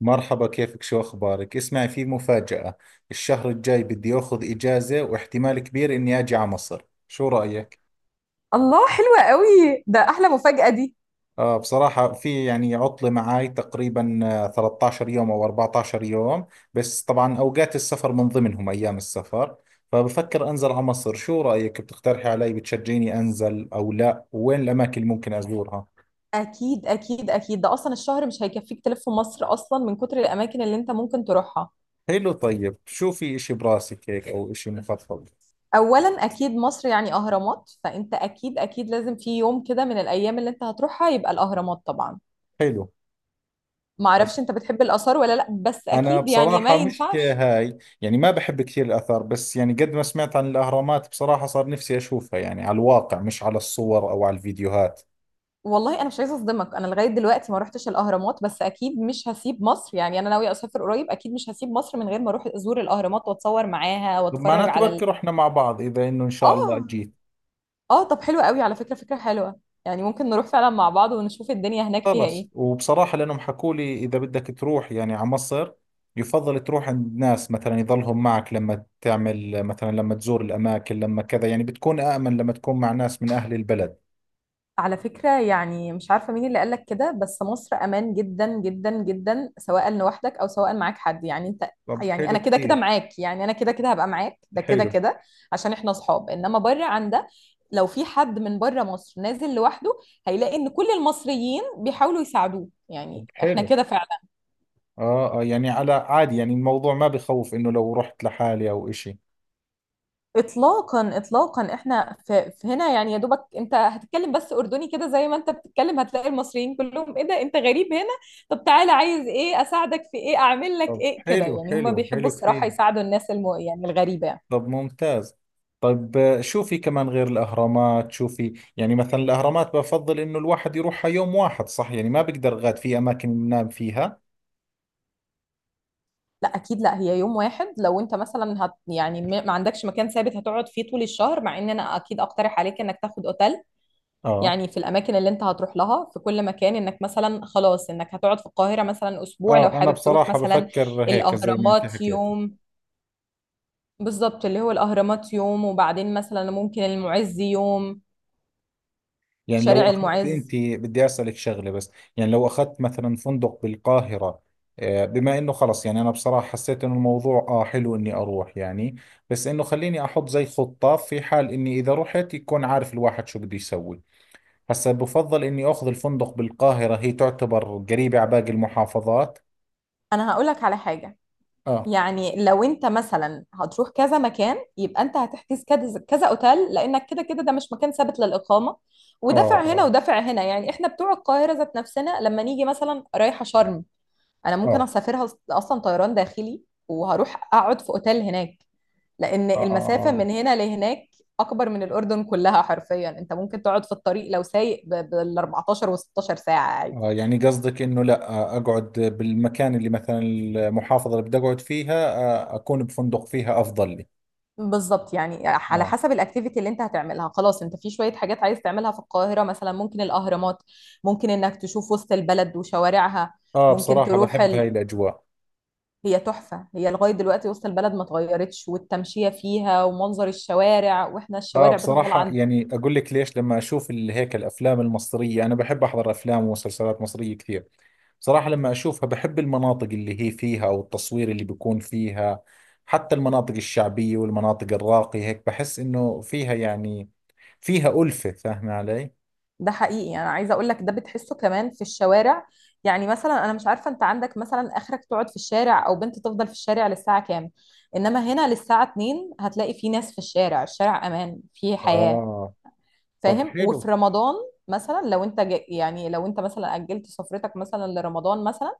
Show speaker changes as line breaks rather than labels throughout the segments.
مرحبا، كيفك؟ شو أخبارك؟ اسمعي، في مفاجأة. الشهر الجاي بدي أخذ إجازة واحتمال كبير إني أجي على مصر. شو رأيك؟
الله، حلوة قوي ده. احلى مفاجأة دي.
آه، بصراحة في يعني عطلة معاي تقريبا 13 يوم أو 14 يوم. بس طبعا أوقات السفر من ضمنهم أيام السفر، فبفكر أنزل على مصر. شو رأيك؟ بتقترحي علي؟ بتشجعيني أنزل أو لا؟ وين الأماكن اللي ممكن أزورها؟
اكيد اكيد اكيد، ده اصلا الشهر مش هيكفيك تلف في مصر اصلا من كتر الاماكن اللي انت ممكن تروحها.
حلو، طيب شو في إشي براسك هيك أو إشي مفضل؟
اولا اكيد مصر يعني اهرامات، فانت اكيد اكيد لازم في يوم كده من الايام اللي انت هتروحها يبقى الاهرامات طبعا.
حلو.
معرفش انت بتحب الاثار ولا لا، بس
أنا
اكيد يعني ما
بصراحة مش
ينفعش.
هاي، يعني ما بحب كثير الآثار، بس يعني قد ما سمعت عن الأهرامات بصراحة صار نفسي أشوفها، يعني على الواقع مش على الصور أو على الفيديوهات.
والله انا مش عايزه اصدمك، انا لغايه دلوقتي ما روحتش الاهرامات، بس اكيد مش هسيب مصر. يعني انا ناويه اسافر قريب، اكيد مش هسيب مصر من غير ما اروح ازور الاهرامات واتصور معاها
طب
واتفرج
معناته
على
بركي رحنا مع بعض إذا إنه إن شاء الله
اه
جيت.
اه، طب حلو قوي. على فكرة فكرة حلوة. يعني ممكن نروح فعلا مع بعض ونشوف الدنيا هناك فيها
خلص،
ايه.
وبصراحة لأنهم حكوا لي إذا بدك تروح يعني على مصر يفضل تروح عند ناس، مثلا يظلهم معك لما تعمل، مثلا لما تزور الأماكن، لما كذا، يعني بتكون آمن لما تكون مع ناس من أهل البلد.
على فكرة، يعني مش عارفة مين اللي قالك كده، بس مصر امان جدا جدا جدا، سواء لوحدك او سواء معاك حد، يعني انت.
طب
يعني
حلو
انا كده كده
كثير.
معاك، يعني انا كده كده هبقى معاك ده كده
حلو.
كده، عشان احنا اصحاب، انما بره عن ده. لو في حد من بره مصر نازل لوحده هيلاقي ان كل المصريين بيحاولوا يساعدوه،
طب
يعني احنا
حلو.
كده.
اه، اه، يعني على عادي، يعني الموضوع ما بخوف انه لو رحت لحالي او اشي.
اطلاقا اطلاقا، احنا في هنا، يعني يا دوبك انت هتتكلم بس اردني كده زي ما انت بتتكلم هتلاقي المصريين كلهم، ايه ده انت غريب هنا؟ طب تعالى، عايز ايه، اساعدك في ايه، اعمل لك
طب
ايه كده.
حلو،
يعني هم
حلو،
بيحبوا
حلو
الصراحة
كثير.
يساعدوا الناس يعني الغريبة يعني.
طب ممتاز. طيب، شو في كمان غير الاهرامات؟ شو في يعني مثلا؟ الاهرامات بفضل انه الواحد يروحها يوم واحد، صح؟ يعني ما بقدر غاد في اماكن ينام فيها؟
لا اكيد لا، هي يوم واحد. لو انت مثلا يعني ما عندكش مكان ثابت هتقعد فيه طول الشهر، مع ان انا اكيد اقترح عليك انك تاخد اوتيل.
اه،
يعني في الاماكن اللي انت هتروح لها في كل مكان، انك مثلا خلاص انك هتقعد في القاهرة مثلا اسبوع، لو
اه، انا
حابب تروح
بصراحة
مثلا
بفكر هيك زي ما انت
الاهرامات
حكيت.
يوم. بالظبط، اللي هو الأهرامات يوم وبعدين مثلا ممكن المعز يوم،
يعني لو
شارع
اخذت، انت
المعز.
بدي اسالك شغله بس: يعني لو اخذت مثلا فندق بالقاهره، بما انه خلص يعني انا بصراحه حسيت انه الموضوع حلو اني اروح يعني. بس انه خليني احط زي خطه في حال اني اذا رحت يكون عارف الواحد شو بده يسوي. هسا بفضل اني اخذ الفندق بالقاهره، هي تعتبر قريبه على باقي المحافظات.
أنا هقولك على حاجة،
اه،
يعني لو أنت مثلا هتروح كذا مكان يبقى أنت هتحجز كذا كذا أوتيل، لأنك كده كده ده مش مكان ثابت للإقامة،
اه،
ودافع هنا
اه،
ودافع هنا. يعني إحنا بتوع القاهرة ذات نفسنا لما نيجي مثلا رايحة شرم، أنا ممكن
اه،
أسافرها أصلا طيران داخلي وهروح أقعد في أوتيل هناك، لان
اه، آه.
المسافه
آه.
من هنا لهناك اكبر من الاردن كلها حرفيا. انت ممكن تقعد في الطريق لو سايق بال 14 و16 ساعه عادي.
يعني قصدك انه لا، اقعد بالمكان اللي مثلا المحافظة اللي بدي اقعد فيها، اكون بفندق فيها افضل لي.
بالظبط يعني على
آه.
حسب الاكتيفيتي اللي انت هتعملها، خلاص انت في شويه حاجات عايز تعملها في القاهره، مثلا ممكن الاهرامات، ممكن انك تشوف وسط البلد وشوارعها،
آه،
ممكن
بصراحة
تروح
بحب هاي الأجواء.
هي تحفه. هي لغايه دلوقتي وسط البلد ما اتغيرتش، والتمشيه فيها ومنظر الشوارع، واحنا
آه،
الشوارع بتفضل
بصراحة
عند.
يعني أقول لك ليش: لما أشوف هيك الأفلام المصرية، أنا بحب أحضر أفلام ومسلسلات مصرية كثير. بصراحة لما أشوفها بحب المناطق اللي هي فيها أو التصوير اللي بيكون فيها، حتى المناطق الشعبية والمناطق الراقية، هيك بحس إنه فيها يعني، فيها ألفة. فاهمة علي؟
ده حقيقي، انا عايزه اقول لك ده بتحسه كمان في الشوارع. يعني مثلا انا مش عارفه انت عندك مثلا اخرك تقعد في الشارع او بنت تفضل في الشارع للساعه كام، انما هنا للساعه 2 هتلاقي في ناس في الشارع، الشارع امان، في حياه.
آه. طب
فاهم؟ وفي
حلو.
رمضان مثلا، لو انت يعني لو انت مثلا اجلت سفرتك مثلا لرمضان مثلا،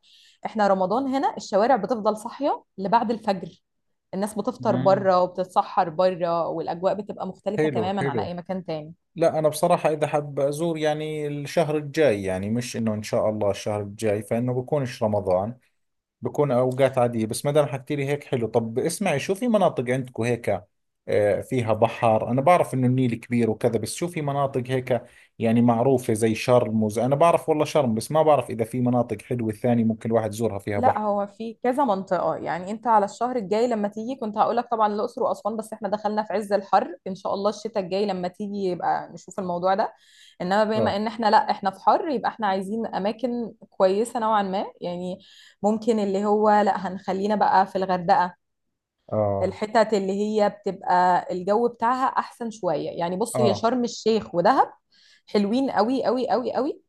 احنا رمضان هنا الشوارع بتفضل صاحيه لبعد الفجر. الناس بتفطر
مم.
بره وبتتسحر بره، والاجواء بتبقى مختلفه
حلو،
تماما عن
حلو.
اي مكان تاني.
لا أنا بصراحة إذا حاب أزور يعني الشهر الجاي، يعني مش إنه إن شاء الله الشهر الجاي فإنه بكونش رمضان، بكون أوقات عادية. بس ما دام حكيت لي هيك حلو. طب اسمعي، شو في مناطق عندكم هيك فيها بحر؟ أنا بعرف إنه النيل كبير وكذا، بس شو في مناطق هيك يعني معروفة زي شرم أنا بعرف والله شرم، بس ما بعرف إذا في مناطق حلوة ثانية ممكن الواحد يزورها فيها
لا
بحر.
هو في كذا منطقة. يعني انت على الشهر الجاي لما تيجي كنت هقولك طبعا الأقصر وأسوان، بس احنا دخلنا في عز الحر. ان شاء الله الشتاء الجاي لما تيجي يبقى نشوف الموضوع ده، انما بما
آه.
ان احنا لا احنا في حر يبقى احنا عايزين اماكن كويسة نوعا ما يعني. ممكن اللي هو، لا هنخلينا بقى في الغردقة،
آه.
الحتت اللي هي بتبقى الجو بتاعها احسن شوية يعني. بص، هي
آه.
شرم الشيخ ودهب حلوين قوي قوي قوي قوي،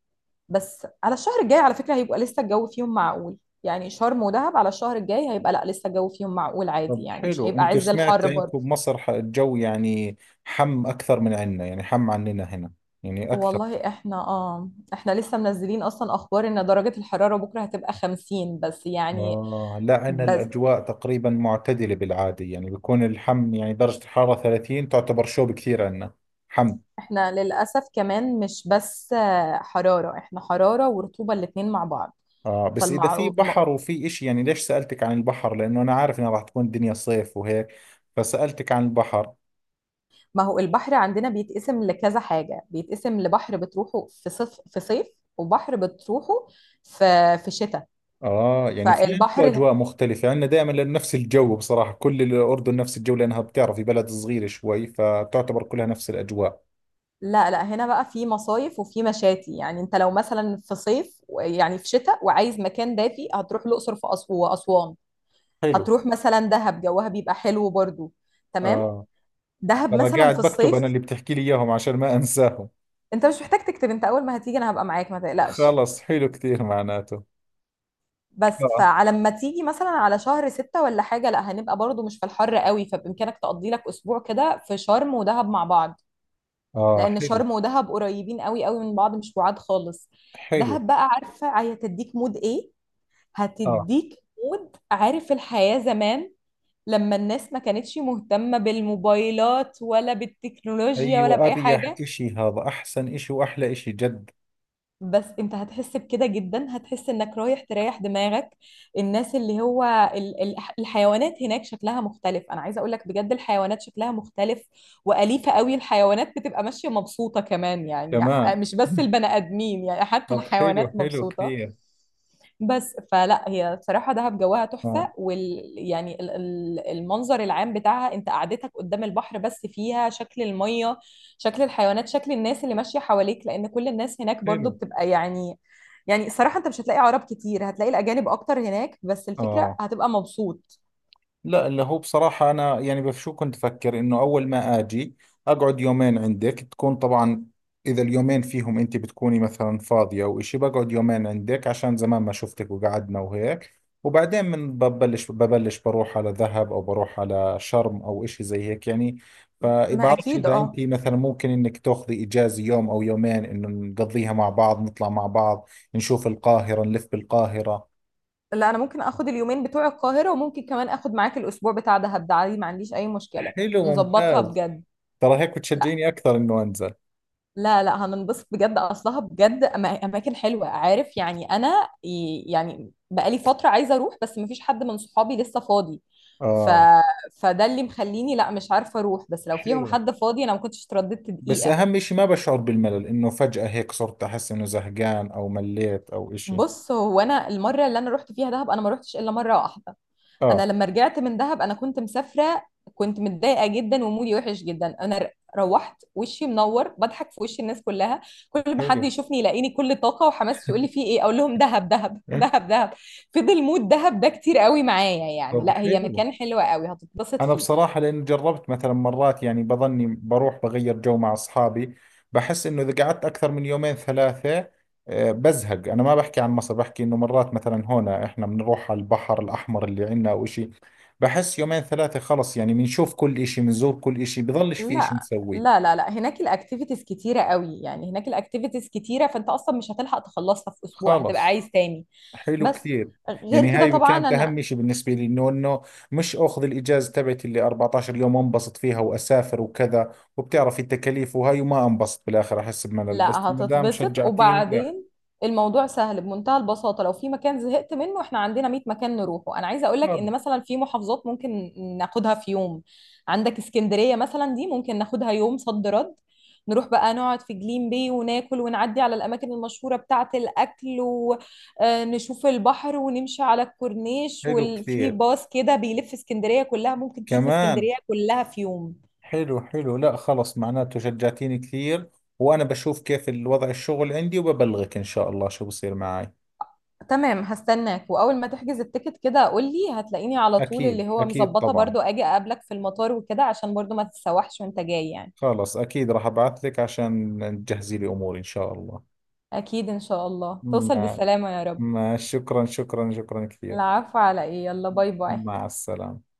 بس على الشهر الجاي على فكرة هيبقى لسه الجو فيهم معقول. يعني شرم ودهب على الشهر الجاي هيبقى، لا لسه الجو فيهم معقول عادي،
طب
يعني مش
حلو.
هيبقى
انتوا،
عز
سمعت
الحر برضه.
انتوا بمصر الجو يعني اكثر من عندنا، يعني عننا هنا يعني اكثر؟
والله احنا لسه منزلين اصلا اخبار ان درجة الحرارة بكرة هتبقى 50، بس يعني.
اه لا، عندنا
بس
الاجواء تقريبا معتدله بالعاده، يعني بيكون يعني درجه الحراره 30 تعتبر شوب كثير عندنا. حم
احنا للأسف كمان مش بس حرارة، احنا حرارة ورطوبة الاتنين مع بعض.
اه، بس اذا في
فالمع ما،
بحر وفي اشي. يعني ليش سالتك عن البحر؟ لانه انا عارف انها راح تكون الدنيا صيف وهيك، فسالتك عن البحر.
ما هو البحر عندنا بيتقسم لكذا حاجة، بيتقسم لبحر بتروحه في صيف، وبحر بتروحه في شتاء.
آه، يعني في عندكم
فالبحر،
أجواء مختلفة. عندنا دائما لأنه نفس الجو، بصراحة كل الأردن نفس الجو، لأنها بتعرفي بلد صغيرة شوي، فبتعتبر كلها نفس الأجواء.
لا لا، هنا بقى في مصايف وفي مشاتي. يعني انت لو مثلا في صيف، يعني في شتاء وعايز مكان دافي هتروح الاقصر واسوان،
حلو.
هتروح مثلا دهب جوها بيبقى حلو برضو. تمام.
آه.
دهب
ترى
مثلا في
قاعد بكتب أنا
الصيف.
اللي بتحكي لي إياهم عشان ما أنساهم.
انت مش محتاج تكتب، انت اول ما هتيجي انا هبقى معاك ما تقلقش.
خلص حلو كثير معناته.
بس
آه.
فعلى ما تيجي مثلا على شهر ستة ولا حاجة لا هنبقى برضو مش في الحر قوي، فبإمكانك تقضي لك أسبوع كده في شرم ودهب مع بعض،
آه.
لان
حلو،
شرم ودهب قريبين قوي قوي من بعض مش بعاد خالص.
حلو.
دهب بقى عارفه هي هتديك مود ايه.
آه.
هتديك مود، عارف، الحياه زمان لما الناس ما كانتش مهتمه بالموبايلات ولا بالتكنولوجيا ولا
أيوة،
باي
أريح
حاجه.
إشي هذا، أحسن إشي وأحلى إشي جد.
بس انت هتحس بكده جدا، هتحس انك رايح تريح دماغك. الناس اللي هو الحيوانات هناك شكلها مختلف. انا عايزه اقول لك بجد الحيوانات شكلها مختلف، واليفه قوي، الحيوانات بتبقى ماشيه مبسوطه كمان يعني،
كمان.
مش بس البني ادمين يعني، حتى
طب
الحيوانات
حلو، حلو
مبسوطه.
كثير.
بس فلا هي بصراحة دهب جواها
آه.
تحفة، وال يعني المنظر العام بتاعها، انت قعدتك قدام البحر، بس فيها شكل المية، شكل الحيوانات، شكل الناس اللي ماشية حواليك، لأن كل الناس هناك برضو
حلو.
بتبقى يعني، يعني الصراحة أنت مش هتلاقي عرب كتير، هتلاقي الأجانب أكتر هناك، بس الفكرة
آه.
هتبقى مبسوط.
لا اللي هو بصراحة أنا يعني بشو كنت أفكر: إنه أول ما أجي أقعد يومين عندك، تكون طبعا إذا اليومين فيهم أنت بتكوني مثلا فاضية أو إشي، بقعد يومين عندك عشان زمان ما شفتك، وقعدنا وهيك. وبعدين من ببلش بروح على ذهب أو بروح على شرم أو إشي زي هيك يعني.
ما
فبعرفش
أكيد
إذا
أه.
أنت مثلا ممكن إنك تاخذي إجازة يوم أو يومين إنه نقضيها مع بعض، نطلع مع بعض، نشوف القاهرة، نلف بالقاهرة.
لا أنا ممكن آخد اليومين بتوع القاهرة وممكن كمان آخد معاك الأسبوع بتاع دهب، ده عادي ما عنديش أي مشكلة.
حلو
نظبطها
ممتاز.
بجد.
ترى هيك بتشجعيني أكثر إنه أنزل.
لا لا هننبسط بجد، اصلها بجد اماكن حلوه عارف. يعني انا يعني بقالي فتره عايزه اروح، بس مفيش حد من صحابي لسه فاضي، ف...
اه
فده اللي مخليني لا مش عارفه اروح، بس لو فيهم
حلو.
حد فاضي انا ما كنتش اترددت
بس
دقيقه.
اهم اشي ما بشعر بالملل، انه فجأة هيك صرت احس انه زهقان او مليت او اشي.
بص هو انا المره اللي انا رحت فيها دهب، انا ما رحتش الا مره واحده. انا
اه
لما رجعت من دهب انا كنت مسافره، كنت متضايقه جدا ومودي وحش جدا، انا روحت وشي منور بضحك في وش الناس كلها، كل ما حد
حلو.
يشوفني يلاقيني كل طاقه وحماس يقول لي في ايه، اقول لهم دهب دهب دهب دهب. فضل مود دهب ده كتير قوي معايا يعني.
طب
لا هي
حلو.
مكان حلو قوي هتتبسط
انا
فيه.
بصراحة لان جربت مثلا مرات، يعني بظني بروح بغير جو مع اصحابي بحس انه اذا قعدت اكثر من يومين ثلاثة بزهق. انا ما بحكي عن مصر، بحكي انه مرات مثلا هنا احنا بنروح على البحر الاحمر اللي عندنا او اشي، بحس يومين ثلاثة خلص يعني، بنشوف كل اشي، بنزور كل اشي، بضلش في اشي
لا لا
نسويه.
لا لا، هناك الاكتيفيتيز كتيره قوي، يعني هناك الاكتيفيتيز كتيره، فانت اصلا مش هتلحق تخلصها في اسبوع، هتبقى
خلص
عايز تاني،
حلو
بس
كثير. يعني
غير كده
هاي
طبعا
كانت
انا.
اهم شيء بالنسبه لي: انه مش اخذ الاجازه تبعتي اللي 14 يوم وانبسط فيها واسافر وكذا، وبتعرف التكاليف وهاي، وما انبسط بالاخر احس بملل.
لا
بس ما دام
هتتبسط
شجعتيني لا.
وبعدين، الموضوع سهل بمنتهى البساطة، لو في مكان زهقت منه احنا عندنا 100 مكان نروحه. انا عايزة اقولك
خلص
ان مثلا في محافظات ممكن ناخدها في يوم، عندك اسكندرية مثلا دي ممكن ناخدها يوم صد رد، نروح بقى نقعد في جليم بي وناكل ونعدي على الأماكن المشهورة بتاعة الأكل ونشوف البحر ونمشي على الكورنيش،
حلو
وفي
كثير.
باص كده بيلف اسكندرية كلها ممكن تشوف
كمان.
اسكندرية كلها في يوم.
حلو، حلو. لا خلص معناته شجعتيني كثير. وانا بشوف كيف الوضع الشغل عندي وببلغك ان شاء الله شو بصير معي.
تمام هستناك، واول ما تحجز التيكت كده قول لي هتلاقيني على طول،
اكيد،
اللي هو
اكيد،
مظبطه
طبعا.
برضو اجي اقابلك في المطار وكده، عشان برضو ما تتسوحش وانت جاي يعني.
خلص اكيد راح ابعث لك عشان تجهزي لي اموري ان شاء الله.
اكيد ان شاء الله توصل
مع.
بالسلامه يا رب.
ما شكرا، شكرا، شكرا كثير.
العفو على ايه، يلا باي باي.
مع السلامة.